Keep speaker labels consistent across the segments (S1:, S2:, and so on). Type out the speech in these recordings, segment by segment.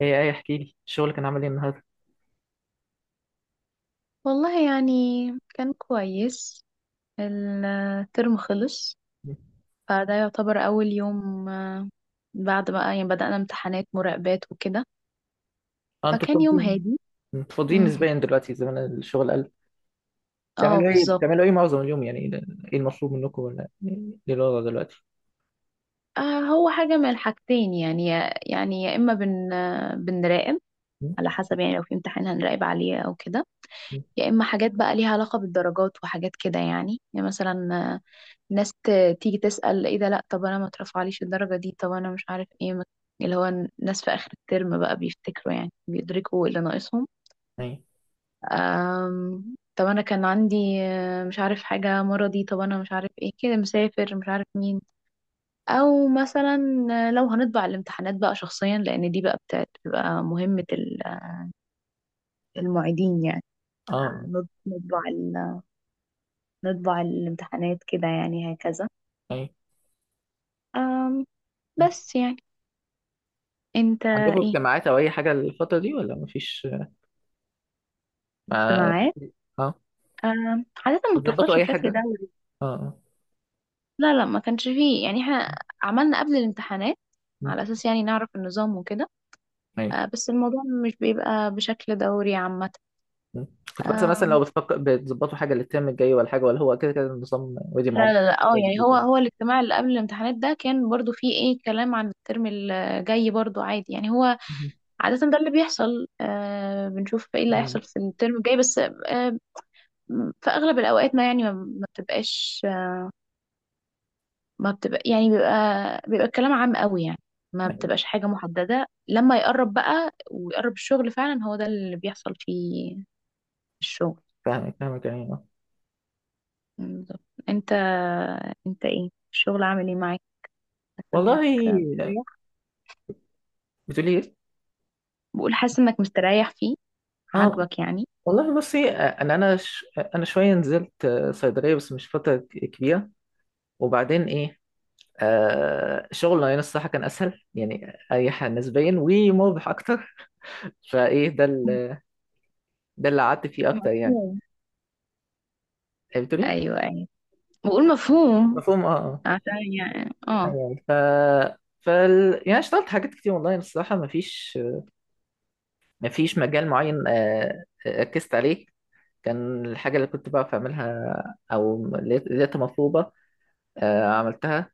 S1: ايه احكي لي الشغل كان عامل ايه النهارده.
S2: والله يعني كان كويس. الترم خلص. فده يعتبر أول يوم بعد بقى يعني بدأنا امتحانات مراقبات وكده.
S1: اه انتوا
S2: فكان يوم
S1: فاضيين،
S2: هادي.
S1: انتوا فاضيين
S2: مم.
S1: نسبيا دلوقتي، زمان الشغل قل.
S2: اه
S1: بتعملوا ايه
S2: بالظبط.
S1: بتعملوا ايه معظم اليوم يعني؟ ايه المطلوب منكم، ولا ايه الوضع دلوقتي؟
S2: هو حاجة من الحاجتين، يعني يعني يا إما بن آه، بنراقب،
S1: م?
S2: على حسب، يعني لو في امتحان هنراقب عليه أو كده.
S1: م.
S2: يا إما حاجات بقى ليها علاقة بالدرجات وحاجات كده، يعني مثلا ناس تيجي تسأل ايه ده، لا طب انا ما اترفعليش الدرجة دي، طب انا مش عارف ايه اللي هو الناس في اخر الترم بقى بيفتكروا، يعني بيدركوا اللي ناقصهم.
S1: ايه.
S2: طب انا كان عندي مش عارف حاجة مرضي، طب انا مش عارف ايه كده، مسافر، مش عارف مين، او مثلا لو هنطبع الامتحانات بقى شخصيا، لان دي بقى بتبقى مهمة المعيدين يعني.
S1: اه.
S2: نطبع نطبع الامتحانات كده، يعني هكذا.
S1: ايه.
S2: أم... بس يعني. انت
S1: عندكم
S2: ايه؟
S1: اجتماعات او اي حاجه الفتره دي ولا مفيش؟
S2: انت
S1: ما
S2: معايا؟
S1: اه،
S2: عادة ما
S1: بتظبطوا
S2: بتحصلش
S1: اي
S2: بشكل
S1: حاجه؟
S2: دوري.
S1: اه اه.
S2: لا لا ما كانش فيه، يعني احنا عملنا قبل الامتحانات
S1: م.
S2: على أساس، يعني نعرف النظام وكده.
S1: ايه.
S2: بس الموضوع مش بيبقى بشكل دوري عامة.
S1: م. كنت بحسب مثلا
S2: آم،
S1: لو بتفكر بتظبطوا حاجه للترم الجاي، ولا حاجه، ولا هو كده كده النظام ودي
S2: لا
S1: معاكم؟
S2: لا لا، اه
S1: حاجة
S2: يعني هو
S1: جديدة.
S2: هو الاجتماع اللي قبل الامتحانات ده كان برضو فيه ايه كلام عن الترم الجاي، برضو عادي، يعني هو
S1: م.
S2: عادة ده اللي بيحصل، بنشوف ايه اللي
S1: م.
S2: هيحصل في الترم الجاي، بس في أغلب الأوقات ما يعني ما بتبقاش، ما بتبقى يعني بيبقى، الكلام عام قوي، يعني ما
S1: أيوة.
S2: بتبقاش حاجة محددة. لما يقرب بقى ويقرب الشغل فعلا، هو ده اللي بيحصل فيه الشغل.
S1: فاهمك فاهمك يعني.
S2: بالظبط. انت انت ايه الشغل عامل ايه معاك؟ حاسس انك
S1: والله،
S2: مستريح؟
S1: بتقولي ايه؟
S2: بقول حاسس انك مستريح فيه،
S1: اه.
S2: عاجبك يعني؟
S1: والله بصي، انا شويه نزلت صيدليه بس مش فتره كبيره. وبعدين ايه، شغل يعني، الصراحه كان اسهل، يعني اريح نسبيا، ومربح اكتر. فايه ده ال... ده اللي قعدت فيه اكتر يعني.
S2: مفهوم.
S1: بتقولي إيه؟
S2: ايوه ايوه، بقول مفهوم.
S1: مفهوم اه اه.
S2: عشان يعني اه.
S1: أيوة. يعني اشتغلت حاجات كتير، والله الصراحه مفيش، مفيش مجال معين ركزت عليه. كان الحاجه اللي كنت بعرف اعملها او لقيتها مطلوبه، عملتها.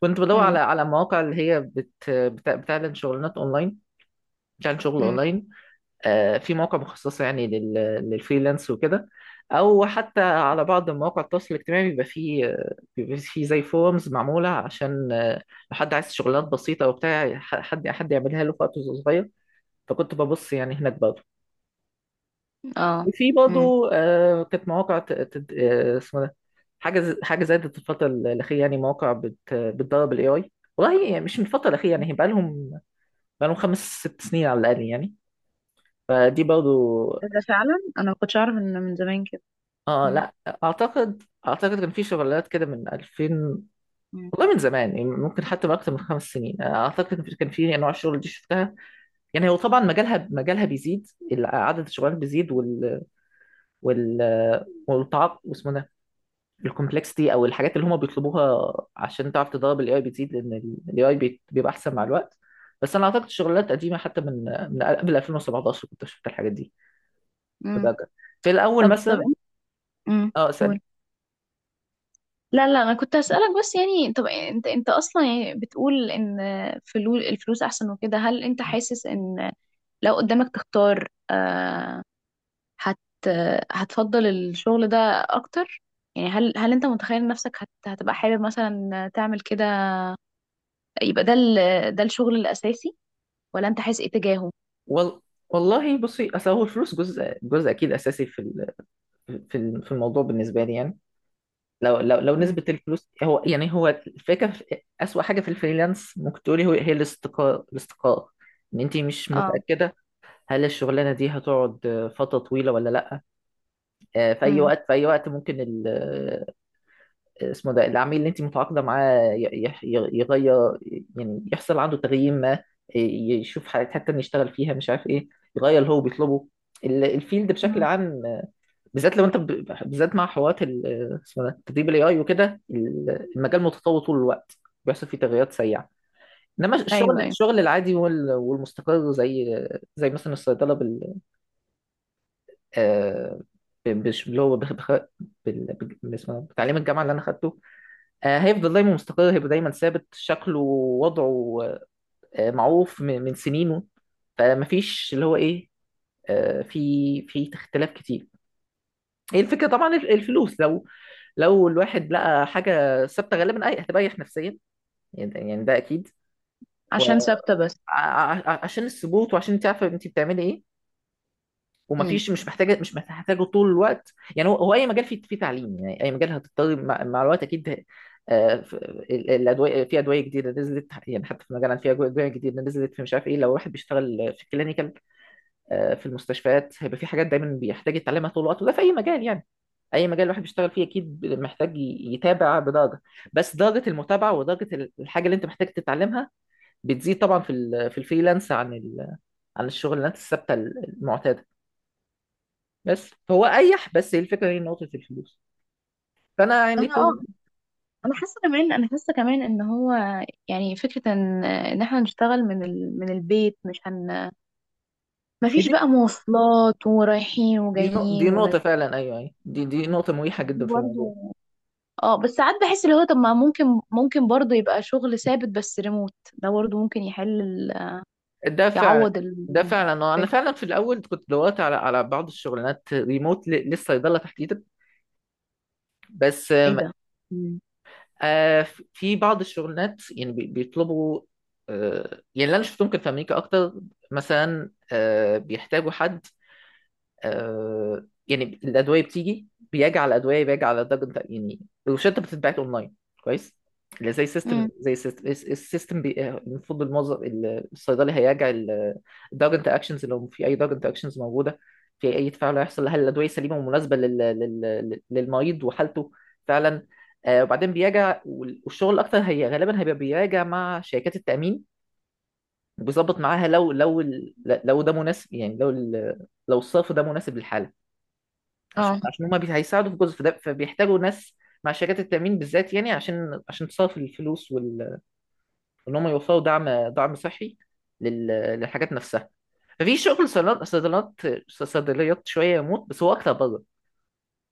S1: كنت بدور
S2: امم.
S1: على على مواقع اللي هي بتعلن شغلانات اونلاين، بتعلن شغل
S2: امم.
S1: اونلاين. في مواقع مخصصه يعني للفريلانس وكده، او حتى على بعض مواقع التواصل الاجتماعي بيبقى فيه بيبقى فيه زي فورمز معموله عشان لو حد عايز شغلانات بسيطه وبتاع حد يعملها له في وقت صغير. فكنت ببص يعني هناك برضه.
S2: اه.
S1: وفي
S2: امم.
S1: برضه كانت مواقع اسمه ده، حاجه زادت الفتره الاخيره، يعني مواقع بتدرب الاي اي. والله يعني مش من الفتره الاخيره، يعني بقى لهم، بقى لهم خمس ست سنين على الاقل يعني. فدي برضه.
S2: ده فعلا انا ما كنتش اعرف ان من زمان كده.
S1: اه
S2: امم.
S1: لا، اعتقد كان في شغلات كده من 2000.
S2: امم.
S1: والله من زمان يعني، ممكن حتى من اكتر من خمس سنين، اعتقد كان في، كان في انواع الشغل دي شفتها. يعني هو طبعا مجالها بيزيد، عدد الشغلات بيزيد، وال والتعاقد، الكومبلكسيتي او الحاجات اللي هم بيطلبوها عشان تعرف تدرب الاي اي بتزيد، لان الاي اي بيبقى احسن مع الوقت. بس انا اعتقد شغلات قديمه حتى من، من قبل 2017، كنت شفت الحاجات دي
S2: امم.
S1: أتذكر. في الاول
S2: طب طب.
S1: مثلا.
S2: امم.
S1: اه اسال.
S2: لا لا، انا كنت هسألك، بس يعني طب انت اصلا يعني بتقول ان الفلوس احسن وكده. هل انت حاسس ان لو قدامك تختار آه هت هتفضل الشغل ده اكتر؟ يعني هل انت متخيل نفسك هتبقى حابب مثلا تعمل كده، يبقى ده ال ده الشغل الاساسي؟ ولا انت حاسس ايه تجاهه؟
S1: وال... والله بصي، اصل هو الفلوس جزء اكيد اساسي في في الموضوع بالنسبه لي يعني. لو
S2: امم.
S1: نسبه الفلوس هو يعني، هو الفكره اسوأ حاجه في الفريلانس ممكن تقولي هو، هي الاستقرار. الاستقرار، ان انت مش
S2: اه.
S1: متاكده هل الشغلانه دي هتقعد فتره طويله ولا لا. في اي
S2: امم.
S1: وقت، في اي وقت ممكن اسمه ده، العميل اللي انت متعاقده معاه يغير، يعني يحصل عنده تغيير ما، يشوف حاجات حتى إن يشتغل فيها، مش عارف ايه، يغير اللي هو بيطلبه. الفيلد بشكل عام بالذات لو انت بالذات مع حوارات اسمه ده، تدريب الاي اي وكده، المجال متطور طول الوقت، بيحصل فيه تغيرات سريعه. انما
S2: ايوه ايوه.
S1: الشغل العادي والمستقر زي زي مثلا الصيدله، آه، اللي هو بال... اسمه، بتعليم الجامعه اللي انا خدته، هيفضل دايما مستقر، هيبقى دايما ثابت شكله ووضعه، معروف من من سنينه. فمفيش اللي هو ايه، آه، في في اختلاف كتير. هي الفكره طبعا، الفلوس، لو لو الواحد لقى حاجه ثابته، غالبا اي هتريح نفسيا، يعني ده اكيد.
S2: عشان ثابتة بس.
S1: وعشان الثبوت، وعشان تعرف انت بتعملي ايه،
S2: امم.
S1: ومفيش، مش محتاجه مش محتاجه طول الوقت. يعني هو اي مجال فيه، فيه تعليم، يعني اي مجال هتضطر مع مع الوقت اكيد، الادويه، في ادويه جديده نزلت يعني، حتى في مجالنا في ادويه جديده نزلت في، مش عارف ايه، لو واحد بيشتغل في الكلينيكال في المستشفيات، هيبقى في حاجات دايما بيحتاج يتعلمها طول الوقت، وده في اي مجال يعني. اي مجال الواحد بيشتغل فيه اكيد محتاج يتابع بدرجه، بس درجه المتابعه ودرجه الحاجه اللي انت محتاج تتعلمها بتزيد طبعا في في الفريلانس عن عن الشغلانات الثابته المعتاده. بس هو اريح، بس هي الفكره، هي نقطه الفلوس. فانا يعني
S2: انا
S1: طول.
S2: اه انا حاسه كمان، ان هو يعني فكره ان احنا نشتغل من البيت، مش مفيش
S1: دي
S2: بقى مواصلات ورايحين وجايين
S1: دي نقطه فعلا، ايوه ايوه، دي نقطه مريحه
S2: دي
S1: جدا في
S2: برضو.
S1: الموضوع.
S2: اه، بس ساعات بحس اللي هو طب ما ممكن، ممكن برضو يبقى شغل ثابت بس ريموت، ده برضو ممكن يحل
S1: ده فعلا،
S2: يعوض
S1: ده فعلا انا
S2: الفكره.
S1: فعلا في الاول كنت دورت على على بعض الشغلانات ريموت للصيدله تحديدا، بس
S2: ايه
S1: آم،
S2: ده؟ مم.
S1: آه، في بعض الشغلانات يعني بيطلبوا، يعني اللي انا شفتهم كان في امريكا اكتر. مثلا بيحتاجوا حد يعني، الادويه بتيجي، بيجي على الادويه بيجي على درجه يعني، الروشته بتتبعت اونلاين كويس، اللي زي سيستم،
S2: مم.
S1: زي سيستم السيستم المفروض الموظف الصيدلي هيراجع الدرج انتر اكشنز، لو في اي درج انتر اكشنز موجوده، في اي تفاعل هيحصل، هل الادويه سليمه ومناسبه للمريض وحالته فعلا. وبعدين بيراجع، والشغل الاكتر هي غالبا هيبقى بيراجع مع شركات التامين، وبيظبط معاها لو لو ده مناسب، يعني لو الصرف ده مناسب للحاله، عشان
S2: اه.
S1: عشان هما هيساعدوا في جزء، فده فبيحتاجوا ناس مع شركات التأمين بالذات يعني، عشان عشان تصرف الفلوس وان هم يوفروا دعم، دعم صحي للحاجات نفسها. ففي شغل صيدلات صيدليات شوية يموت، بس هو أكتر بره،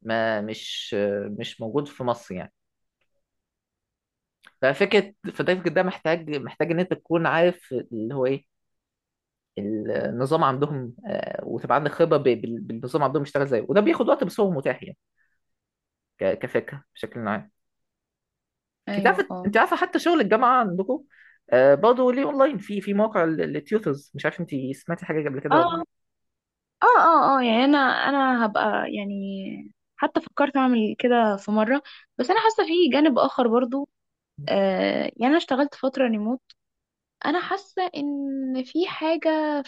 S1: ما مش، مش موجود في مصر يعني. ففكرة فده فكرة ده محتاج، محتاج إن أنت تكون عارف اللي هو إيه النظام عندهم، وتبقى عندك خبرة بالنظام عندهم بيشتغل إزاي، وده بياخد وقت، بس هو متاح يعني، كفكرة بشكل عام. انت
S2: ايوه.
S1: عارفه،
S2: اه
S1: انت عارفه حتى شغل الجامعه عندكم برضه ليه اونلاين، في في موقع التيوترز، مش عارف انت سمعتي حاجه قبل كده ولا.
S2: اه اه. اه اه، يعني انا هبقى، يعني حتى فكرت اعمل كده في مره، بس انا حاسه في جانب اخر برضو.
S1: لا.
S2: يعني انا اشتغلت فتره ريموت، انا حاسه ان في حاجه،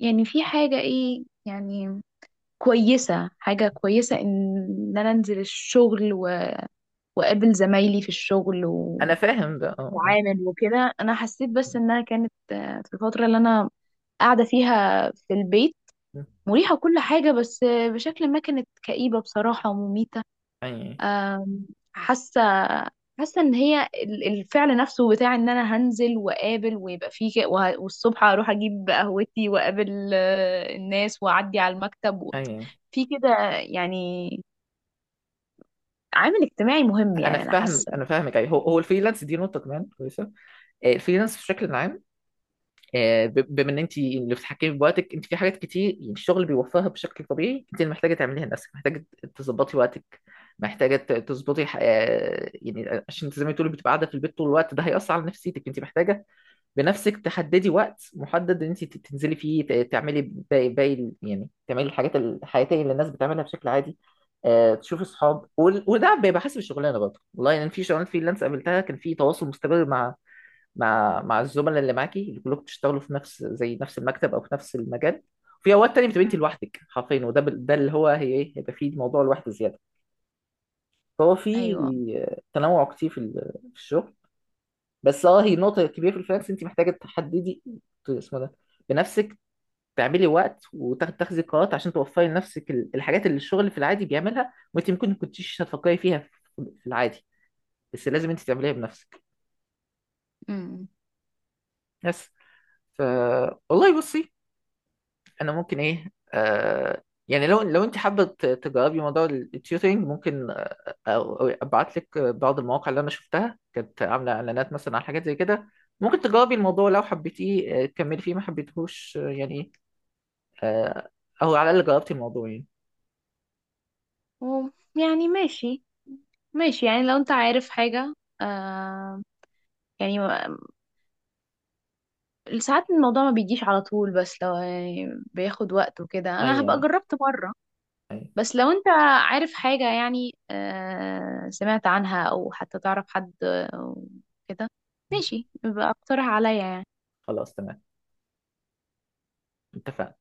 S2: يعني في حاجه ايه يعني، حاجه كويسه ان انا انزل الشغل واقابل زمايلي في الشغل،
S1: انا فاهم ده اه.
S2: واتعامل وكده. انا حسيت بس انها كانت في الفتره اللي انا قاعده فيها في البيت،
S1: اه
S2: مريحة كل حاجة، بس بشكل ما كانت كئيبة بصراحة ومميتة.
S1: اي
S2: أم، حاسه، ان هي الفعل نفسه بتاع ان انا هنزل واقابل، ويبقى فيه والصبح اروح اجيب قهوتي واقابل الناس، واعدي على المكتب
S1: اي.
S2: في كده يعني. عامل اجتماعي مهم
S1: انا
S2: يعني، انا
S1: فاهم،
S2: حاسه.
S1: انا فاهمك. اي، هو الفريلانس دي نقطه كمان كويسه. الفريلانس بشكل عام، بما ان انت اللي بتتحكمي بوقتك انت في حاجات كتير يعني الشغل بيوفرها بشكل طبيعي، انت اللي محتاجه تعمليها لنفسك. محتاجه تظبطي وقتك، محتاجه تظبطي يعني عشان انت زي ما تقولي بتبقى قاعده في البيت طول الوقت، ده هيأثر على نفسيتك. انت محتاجه بنفسك تحددي وقت محدد ان انت تنزلي فيه تعملي باقي يعني تعملي الحاجات الحياتيه اللي الناس بتعملها بشكل عادي، تشوفي اصحاب وده بيبقى حسب الشغلانه برضه. والله يعني في شغلانه فريلانس قابلتها، كان في تواصل مستمر مع مع الزملاء اللي معاكي، اللي كلكم بتشتغلوا في نفس، زي نفس المكتب، او في نفس المجال. في اوقات تانية بتبقى
S2: مم.
S1: انت لوحدك حرفيا، وده ده اللي هو هي ايه، هيبقى فيه موضوع لوحده زياده. فهو في
S2: ايوه.
S1: تنوع كتير في في الشغل. بس اه، هي نقطة كبيرة في الفريلانس، انت محتاجة تحددي، اسمه ده، بنفسك تعملي وقت وتاخدي قرارات عشان توفري لنفسك الحاجات اللي الشغل في العادي بيعملها، وانت ممكن ما كنتيش هتفكري فيها في في العادي، بس لازم انت تعمليها بنفسك.
S2: امم.
S1: بس. ف، والله بصي، انا ممكن ايه، يعني لو لو انت حابه تجربي موضوع التيوترينج، ممكن ابعت لك بعض المواقع اللي انا شفتها كانت عامله اعلانات مثلا على حاجات زي كده. ممكن تجربي الموضوع، لو حبيتيه تكملي فيه، ما حبيتهوش آه، او على الاقل جربتي الموضوع يعني.
S2: و- يعني ماشي، ماشي يعني لو انت عارف حاجه آه يعني ساعات الموضوع ما بيجيش على طول، بس لو يعني بياخد وقت وكده،
S1: اي
S2: انا هبقى
S1: يعني.
S2: جربت مره.
S1: أي.
S2: بس لو انت عارف حاجة، يعني سمعت عنها او حتى تعرف حد كده، ماشي، يبقى اقترح عليا يعني.
S1: خلاص تمام، اتفقنا.